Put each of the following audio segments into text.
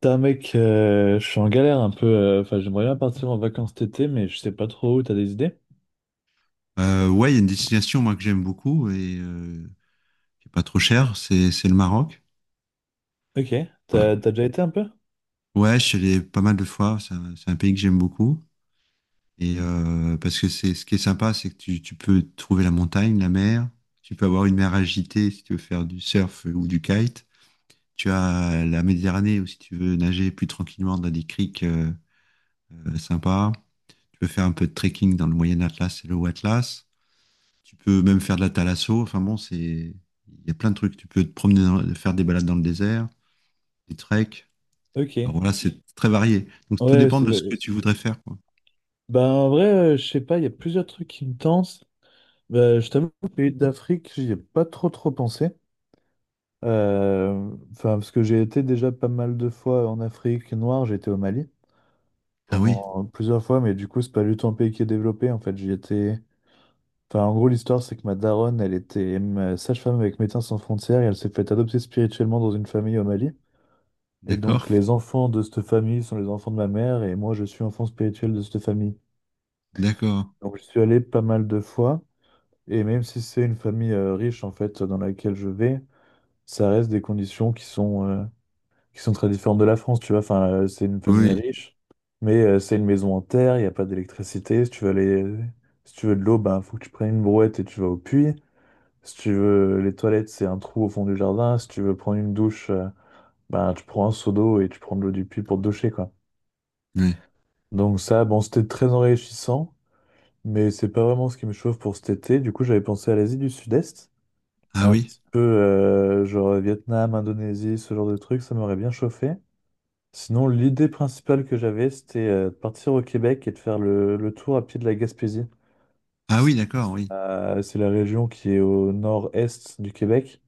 Putain, mec, je suis en galère un peu. Enfin, j'aimerais bien partir en vacances cet été, mais je sais pas trop où. T'as des idées? Ouais, il y a une destination moi que j'aime beaucoup et qui est pas trop chère, c'est le Maroc. Ok. Ouais. T'as déjà été un peu? Ouais, je suis allé pas mal de fois. C'est un pays que j'aime beaucoup et parce que c'est ce qui est sympa, c'est que tu peux trouver la montagne, la mer. Tu peux avoir une mer agitée si tu veux faire du surf ou du kite. Tu as la Méditerranée où si tu veux nager plus tranquillement dans des criques sympas. Tu peux faire un peu de trekking dans le Moyen Atlas et le Haut Atlas. Tu peux même faire de la thalasso. Enfin bon, il y a plein de trucs. Tu peux te promener, faire des balades dans le désert, des treks. Ok. Alors voilà, c'est très varié. Donc tout Ouais, dépend c'est, de ce ouais. que tu voudrais faire, quoi. Bah, en vrai, je sais pas, il y a plusieurs trucs qui me tentent. Bah, je t'avoue, le pays d'Afrique, j'y ai pas trop trop pensé. Euh, Enfin, parce que j'ai été déjà pas mal de fois en Afrique noire. J'ai été au Mali Ah oui, pendant plusieurs fois, mais du coup, c'est pas du tout un pays qui est développé. En fait, j'y étais. Enfin, en gros, l'histoire, c'est que ma daronne, elle était sage-femme avec Médecins Sans Frontières et elle s'est fait adopter spirituellement dans une famille au Mali. Et d'accord, donc, les enfants de cette famille sont les enfants de ma mère et moi, je suis enfant spirituel de cette famille. d'accord. Donc, je suis allé pas mal de fois et même si c'est une famille riche, en fait, dans laquelle je vais, ça reste des conditions qui sont très différentes de la France, tu vois. Enfin, c'est une famille Oui, riche, mais c'est une maison en terre, il n'y a pas d'électricité. Si tu veux de l'eau, ben, faut que tu prennes une brouette et tu vas au puits. Si tu veux, les toilettes, c'est un trou au fond du jardin. Si tu veux prendre une douche, ben, tu prends un seau d'eau et tu prends de l'eau du puits pour te doucher, quoi. oui. Donc ça, bon, c'était très enrichissant, mais c'est pas vraiment ce qui me chauffe pour cet été. Du coup, j'avais pensé à l'Asie du Sud-Est, Ah un oui, petit peu genre Vietnam, Indonésie, ce genre de trucs, ça m'aurait bien chauffé. Sinon, l'idée principale que j'avais, c'était de partir au Québec et de faire le tour à pied de la Gaspésie. ah C'est oui, d'accord, oui. C'est la région qui est au nord-est du Québec.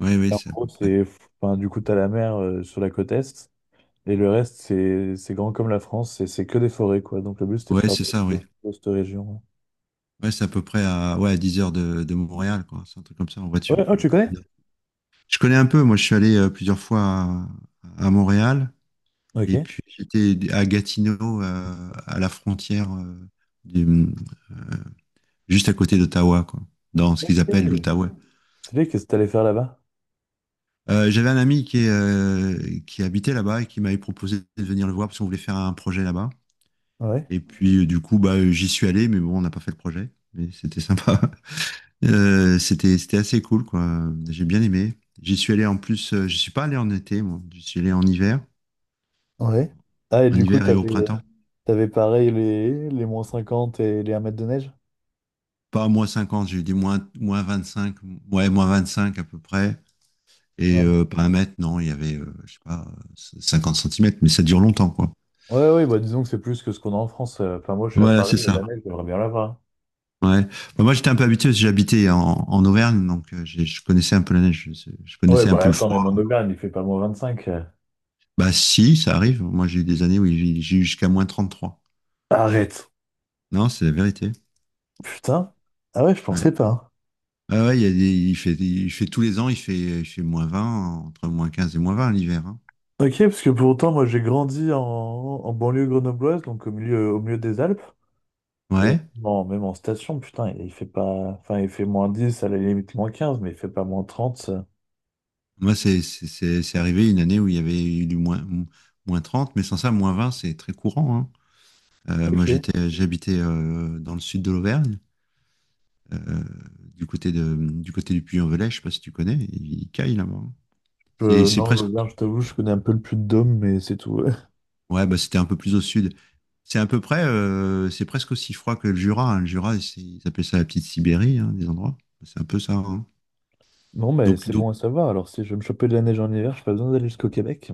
Oui, Et oui, en c'est à gros, peu près. c'est, enfin, du coup, t'as la mer sur la côte est, et le reste, c'est grand comme la France, et c'est que des forêts, quoi. Donc le but, c'était de Ouais, faire c'est ça, oui. de, de cette région. Ouais, c'est à peu près à, ouais, à 10 heures de Montréal, quoi. C'est un truc comme ça en voiture. Ouais, oh, 8, tu connais? 10 heures. Je connais un peu, moi je suis allé plusieurs fois à Montréal. Ok. Et puis j'étais à Gatineau, à la frontière, du- juste à côté d'Ottawa, quoi, dans ce qu'ils appellent Ok. l'Outaouais. Tu sais, qu'est-ce que t'allais faire là-bas? J'avais un ami qui habitait là-bas et qui m'avait proposé de venir le voir parce qu'on voulait faire un projet là-bas. Ouais. Et puis du coup, bah, j'y suis allé, mais bon, on n'a pas fait le projet. Mais c'était sympa. C'était assez cool, quoi. J'ai bien aimé. J'y suis allé en plus, je suis pas allé en été, moi. J'y suis allé Ouais. Ah, et en du coup, hiver et au t'avais, printemps. t'avais pareil les -50 et les un mètre de neige? Pas moins 50, j'ai dit -25, ouais, -25 à peu près. Et Ouais. euh, pas un mètre, non, il y avait, je sais pas, 50 cm, mais ça dure longtemps, quoi. Ouais, ouais, bah disons que c'est plus que ce qu'on a en France. Enfin, moi, je suis à Voilà, Paris, c'est et la ça. neige, j'aimerais bien l'avoir. Ouais. Bah, moi, j'étais un peu habitué, parce que j'habitais en Auvergne, donc je connaissais un peu la neige, je Ouais, connaissais un bah peu le attends, mais froid. mon auberge, il fait pas moins 25. Bah si, ça arrive. Moi, j'ai eu des années où j'ai eu jusqu'à -33. Arrête. Non, c'est la vérité. Putain. Ah ouais, je Ouais. pensais pas, hein. Ah ouais, il y a des, il fait tous les ans, il fait -20 entre -15 et -20 l'hiver, hein. Ok, parce que pour autant, moi j'ai grandi en banlieue grenobloise, donc au milieu des Alpes. Et Ouais. bon, même en station, putain, il fait pas. Enfin, il fait -10 à la limite -15, mais il fait pas -30, ça. Moi, c'est arrivé une année où il y avait eu du -30, mais sans ça, -20, c'est très courant, hein. Moi, Ok. J'habitais dans le sud de l'Auvergne, euh, du côté du Puy-en-Velay, je sais pas si tu connais, il caille là-bas, hein. C'est c'est Non, presque, l'Auvergne, je t'avoue, je connais un peu le Puy-de-Dôme, mais c'est tout. ouais, bah, c'était un peu plus au sud. C'est à peu près, c'est presque aussi froid que le Jura, hein. Le Jura, ils appellent ça la petite Sibérie, hein, des endroits. C'est un peu ça, hein. Non, mais Donc, c'est donc, bon à savoir. Alors, si je veux me choper de la neige en hiver, j'ai pas besoin d'aller jusqu'au Québec.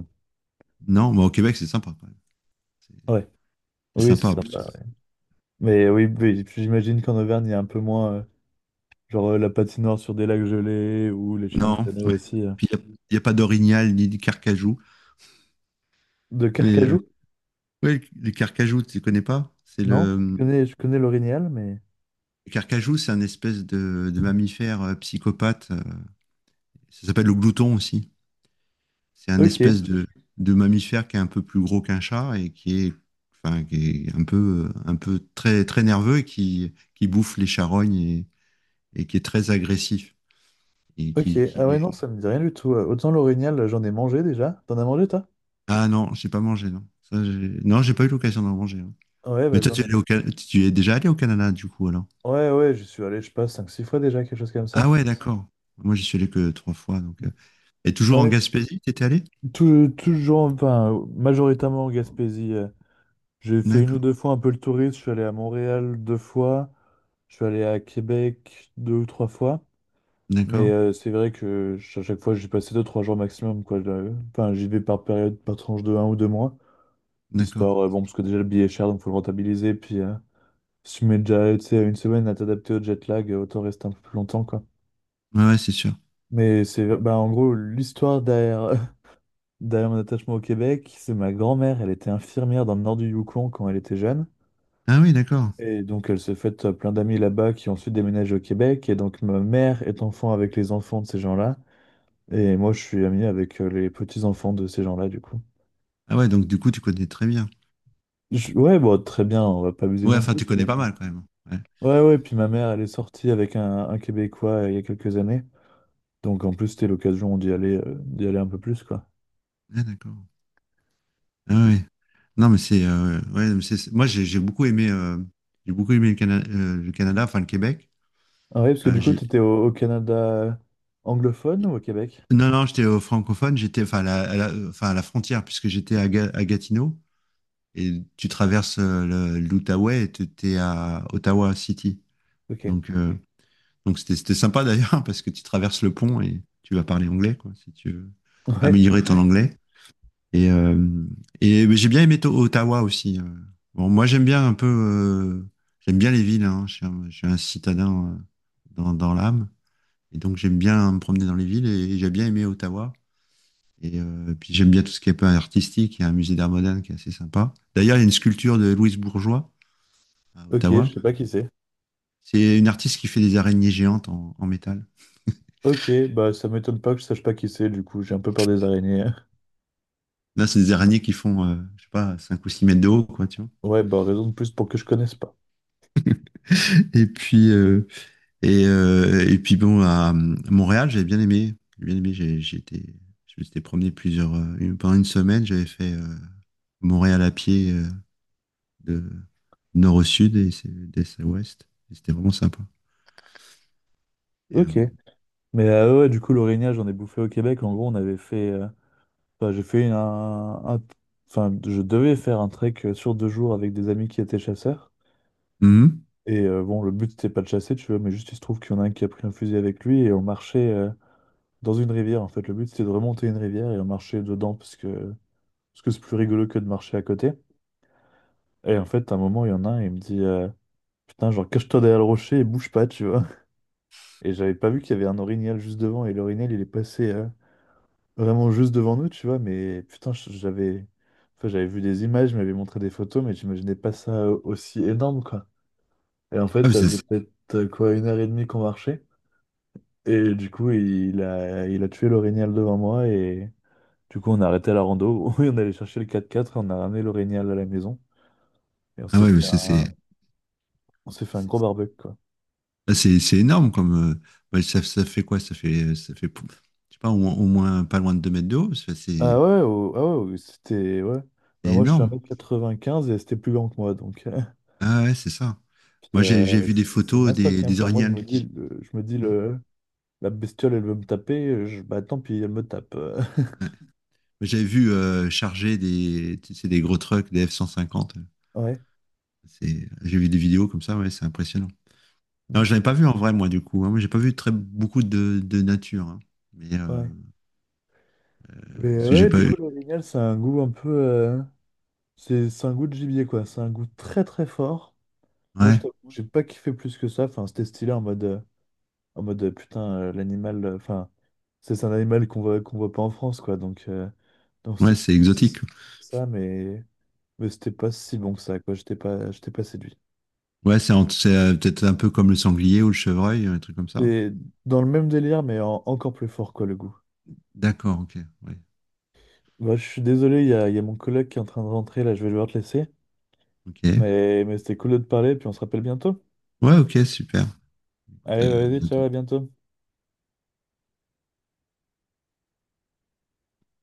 non, mais au Québec, c'est sympa quand même. C'est Ouais. c'est Oui, c'est sympa. Sympa, ouais. Mais oui, mais j'imagine qu'en Auvergne, il y a un peu moins, la patinoire sur des lacs gelés ou les chiens de Non, traîneau ouais. aussi. Puis y a pas d'orignal ni de carcajou. De Mais euh, Carcajou? ouais, le carcajou, tu ne connais pas? Non, je connais, je connais l'orignal, mais Le carcajou, c'est un espèce de mammifère psychopathe. Ça s'appelle le glouton aussi. C'est un Ok, espèce de mammifère qui est un peu plus gros qu'un chat et enfin, qui est un peu très, très nerveux et qui bouffe les charognes et qui est très agressif. Et ok. qui, Ah qui... ouais, non, ça me dit rien du tout. Autant l'orignal, j'en ai mangé déjà. T'en as mangé, toi? Ah non, j'ai pas mangé, non. Non, j'ai pas eu l'occasion d'en manger, hein. Ouais, Mais bah toi, j'en ai tu es déjà allé au Canada, du coup, alors? Ouais, ouais, j'y suis allé, je sais pas, 5-6 fois déjà, quelque chose comme ça. Ah ouais, d'accord. Moi, j'y suis allé que trois fois. Et toujours en Ouais, Gaspésie, tu étais allé? Toujours, enfin, majoritairement en Gaspésie. J'ai fait une ou D'accord, deux fois un peu le touriste. Je suis allé à Montréal deux fois. Je suis allé à Québec deux ou trois fois. Mais d'accord, c'est vrai que à chaque fois, j'ai passé deux, trois jours maximum, quoi. Enfin, j'y vais par période, par tranche de un ou deux mois. d'accord. Histoire, bon, parce que déjà le billet est cher, donc faut le rentabiliser. Puis si tu mets déjà, tu sais, une semaine à t'adapter au jet lag, autant rester un peu plus longtemps, quoi. Ouais, ouais, c'est sûr. Mais c'est, bah, en gros, l'histoire derrière, derrière mon attachement au Québec, c'est ma grand-mère, elle était infirmière dans le nord du Yukon quand elle était jeune. Ah oui, d'accord. Et donc, elle s'est faite plein d'amis là-bas qui ont ensuite déménagé au Québec. Et donc, ma mère est enfant avec les enfants de ces gens-là. Et moi, je suis ami avec les petits-enfants de ces gens-là, du coup. Ah ouais, donc du coup, tu connais très bien. Ouais, bon, très bien, on va pas abuser Ouais, non enfin, plus. tu connais pas mal quand même. Ouais, Ouais, ouais, puis ma mère, elle est sortie avec un Québécois il y a quelques années. Donc en plus, c'était l'occasion d'y aller, d'y aller un peu plus, quoi. ouais, d'accord. Ah ouais. Non, mais c'est. Ouais, moi, j'ai beaucoup aimé, le Canada, enfin, le Québec. Ah ouais, parce que Euh, du coup, j'ai- t'étais au Canada anglophone ou au Québec? Non, non, j'étais au francophone, j'étais enfin, à la frontière, puisque j'étais à Gatineau. Et tu traverses l'Outaouais et tu es à Ottawa City. Ok. Donc, euh, donc, c'était sympa d'ailleurs parce que tu traverses le pont et tu vas parler anglais, quoi, si tu veux Ouais, améliorer ton anglais. Et, euh, et mais j'ai bien aimé Ottawa aussi. Bon, moi, j'aime bien un peu, j'aime bien les villes, hein. Je suis un citadin dans l'âme. Et donc, j'aime bien me promener dans les villes j'ai bien aimé Ottawa. Et puis, j'aime bien tout ce qui est un peu artistique. Il y a un musée d'art moderne qui est assez sympa. D'ailleurs, il y a une sculpture de Louise Bourgeois à ok, Ottawa. je sais pas qui c'est. C'est une artiste qui fait des araignées géantes en métal. Ok, bah ça m'étonne pas que je sache pas qui c'est, du coup, j'ai un peu peur des araignées. Là, c'est des araignées qui font, je sais pas, 5 ou 6 mètres de haut, quoi, tu vois. Ouais, bah raison de plus pour que je connaisse pas. Et puis, euh, et puis bon, à Montréal, j'ai bien aimé. J'ai bien aimé, je me suis été promené pendant une semaine, j'avais fait Montréal à pied de nord au sud d'est à ouest. Et c'était vraiment sympa. Et, euh, Ok. Mais ouais, du coup, l'orignal, j'en ai bouffé au Québec. En gros, on avait fait. Enfin, j'ai fait un- Enfin, je devais faire un trek sur deux jours avec des amis qui étaient chasseurs. mhm. Et bon, le but, c'était pas de chasser, tu vois, mais juste il se trouve qu'il y en a un qui a pris un fusil avec lui et on marchait dans une rivière, en fait. Le but, c'était de remonter une rivière et on marchait dedans parce que c'est plus rigolo que de marcher à côté. Et en fait, à un moment, il y en a un, il me dit putain, genre, cache-toi derrière le rocher et bouge pas, tu vois. Et j'avais pas vu qu'il y avait un orignal juste devant et l'orignal, il est passé vraiment juste devant nous, tu vois, mais putain, j'avais. Enfin, j'avais vu des images, je m'avais montré des photos, mais j'imaginais pas ça aussi énorme, quoi. Et en fait, Ah, mais ça faisait c'est- peut-être quoi, une heure et demie qu'on marchait. Et du coup, il a tué l'orignal devant moi et du coup, on a arrêté la rando. Oui, on allait chercher le quatre quatre, on a ramené l'orignal à la maison et ah ouais, on s'est fait un gros c'est- barbecue, quoi. Là, c'est énorme comme. Ouais, ça fait quoi? Ça fait, je sais pas, au moins pas loin de 2 mètres de haut. Ah C'est ouais, oh, ah ouais, oh, c'était, ouais. Bah, c'est moi, je fais 1 énorme. m quatre-vingt-quinze et c'était plus grand que moi, donc. Ah ouais, c'est ça. Puis, Moi, j'ai vu des c'est photos ma stock, hein. des Enfin, moi, je me orignales dis, qui. le- je me dis Hmm. le, la bestiole, elle veut me taper, je, bah tant pis, elle me tape. J'avais vu charger tu sais, des gros trucks, des F-150. Ouais, J'ai vu des vidéos comme ça, ouais, c'est impressionnant. Non, mm, je l'avais pas vu en vrai, moi, du coup, hein. Moi, j'ai pas vu très beaucoup de nature, hein. Mais, euh, ouais. Mais Parce que j'ai ouais, pas du eu. coup, l'orignal, ça a un goût un peu, c'est un goût de gibier, quoi. C'est un goût très très fort. Moi, je Ouais, t'avoue que j'ai pas kiffé plus que ça. Enfin, c'était stylé en mode, putain, l'animal. Enfin, c'est un animal qu'on voit pas en France, quoi. Donc, ouais, c'était c'est stylé pour ça, exotique. Ça, mais, mais c'était pas si bon que ça, quoi. J'étais pas séduit. Ouais, c'est peut-être un peu comme le sanglier ou le chevreuil, un truc comme ça. C'est dans le même délire, mais encore plus fort, quoi, le goût. D'accord, ok. Ouais, Bah, je suis désolé, il y a mon collègue qui est en train de rentrer, là, je vais devoir te laisser. ok, Mais c'était cool de te parler, puis on se rappelle bientôt. ouais, ok super. Écoute, Allez, bah, à vas-y, bientôt. ciao, à bientôt.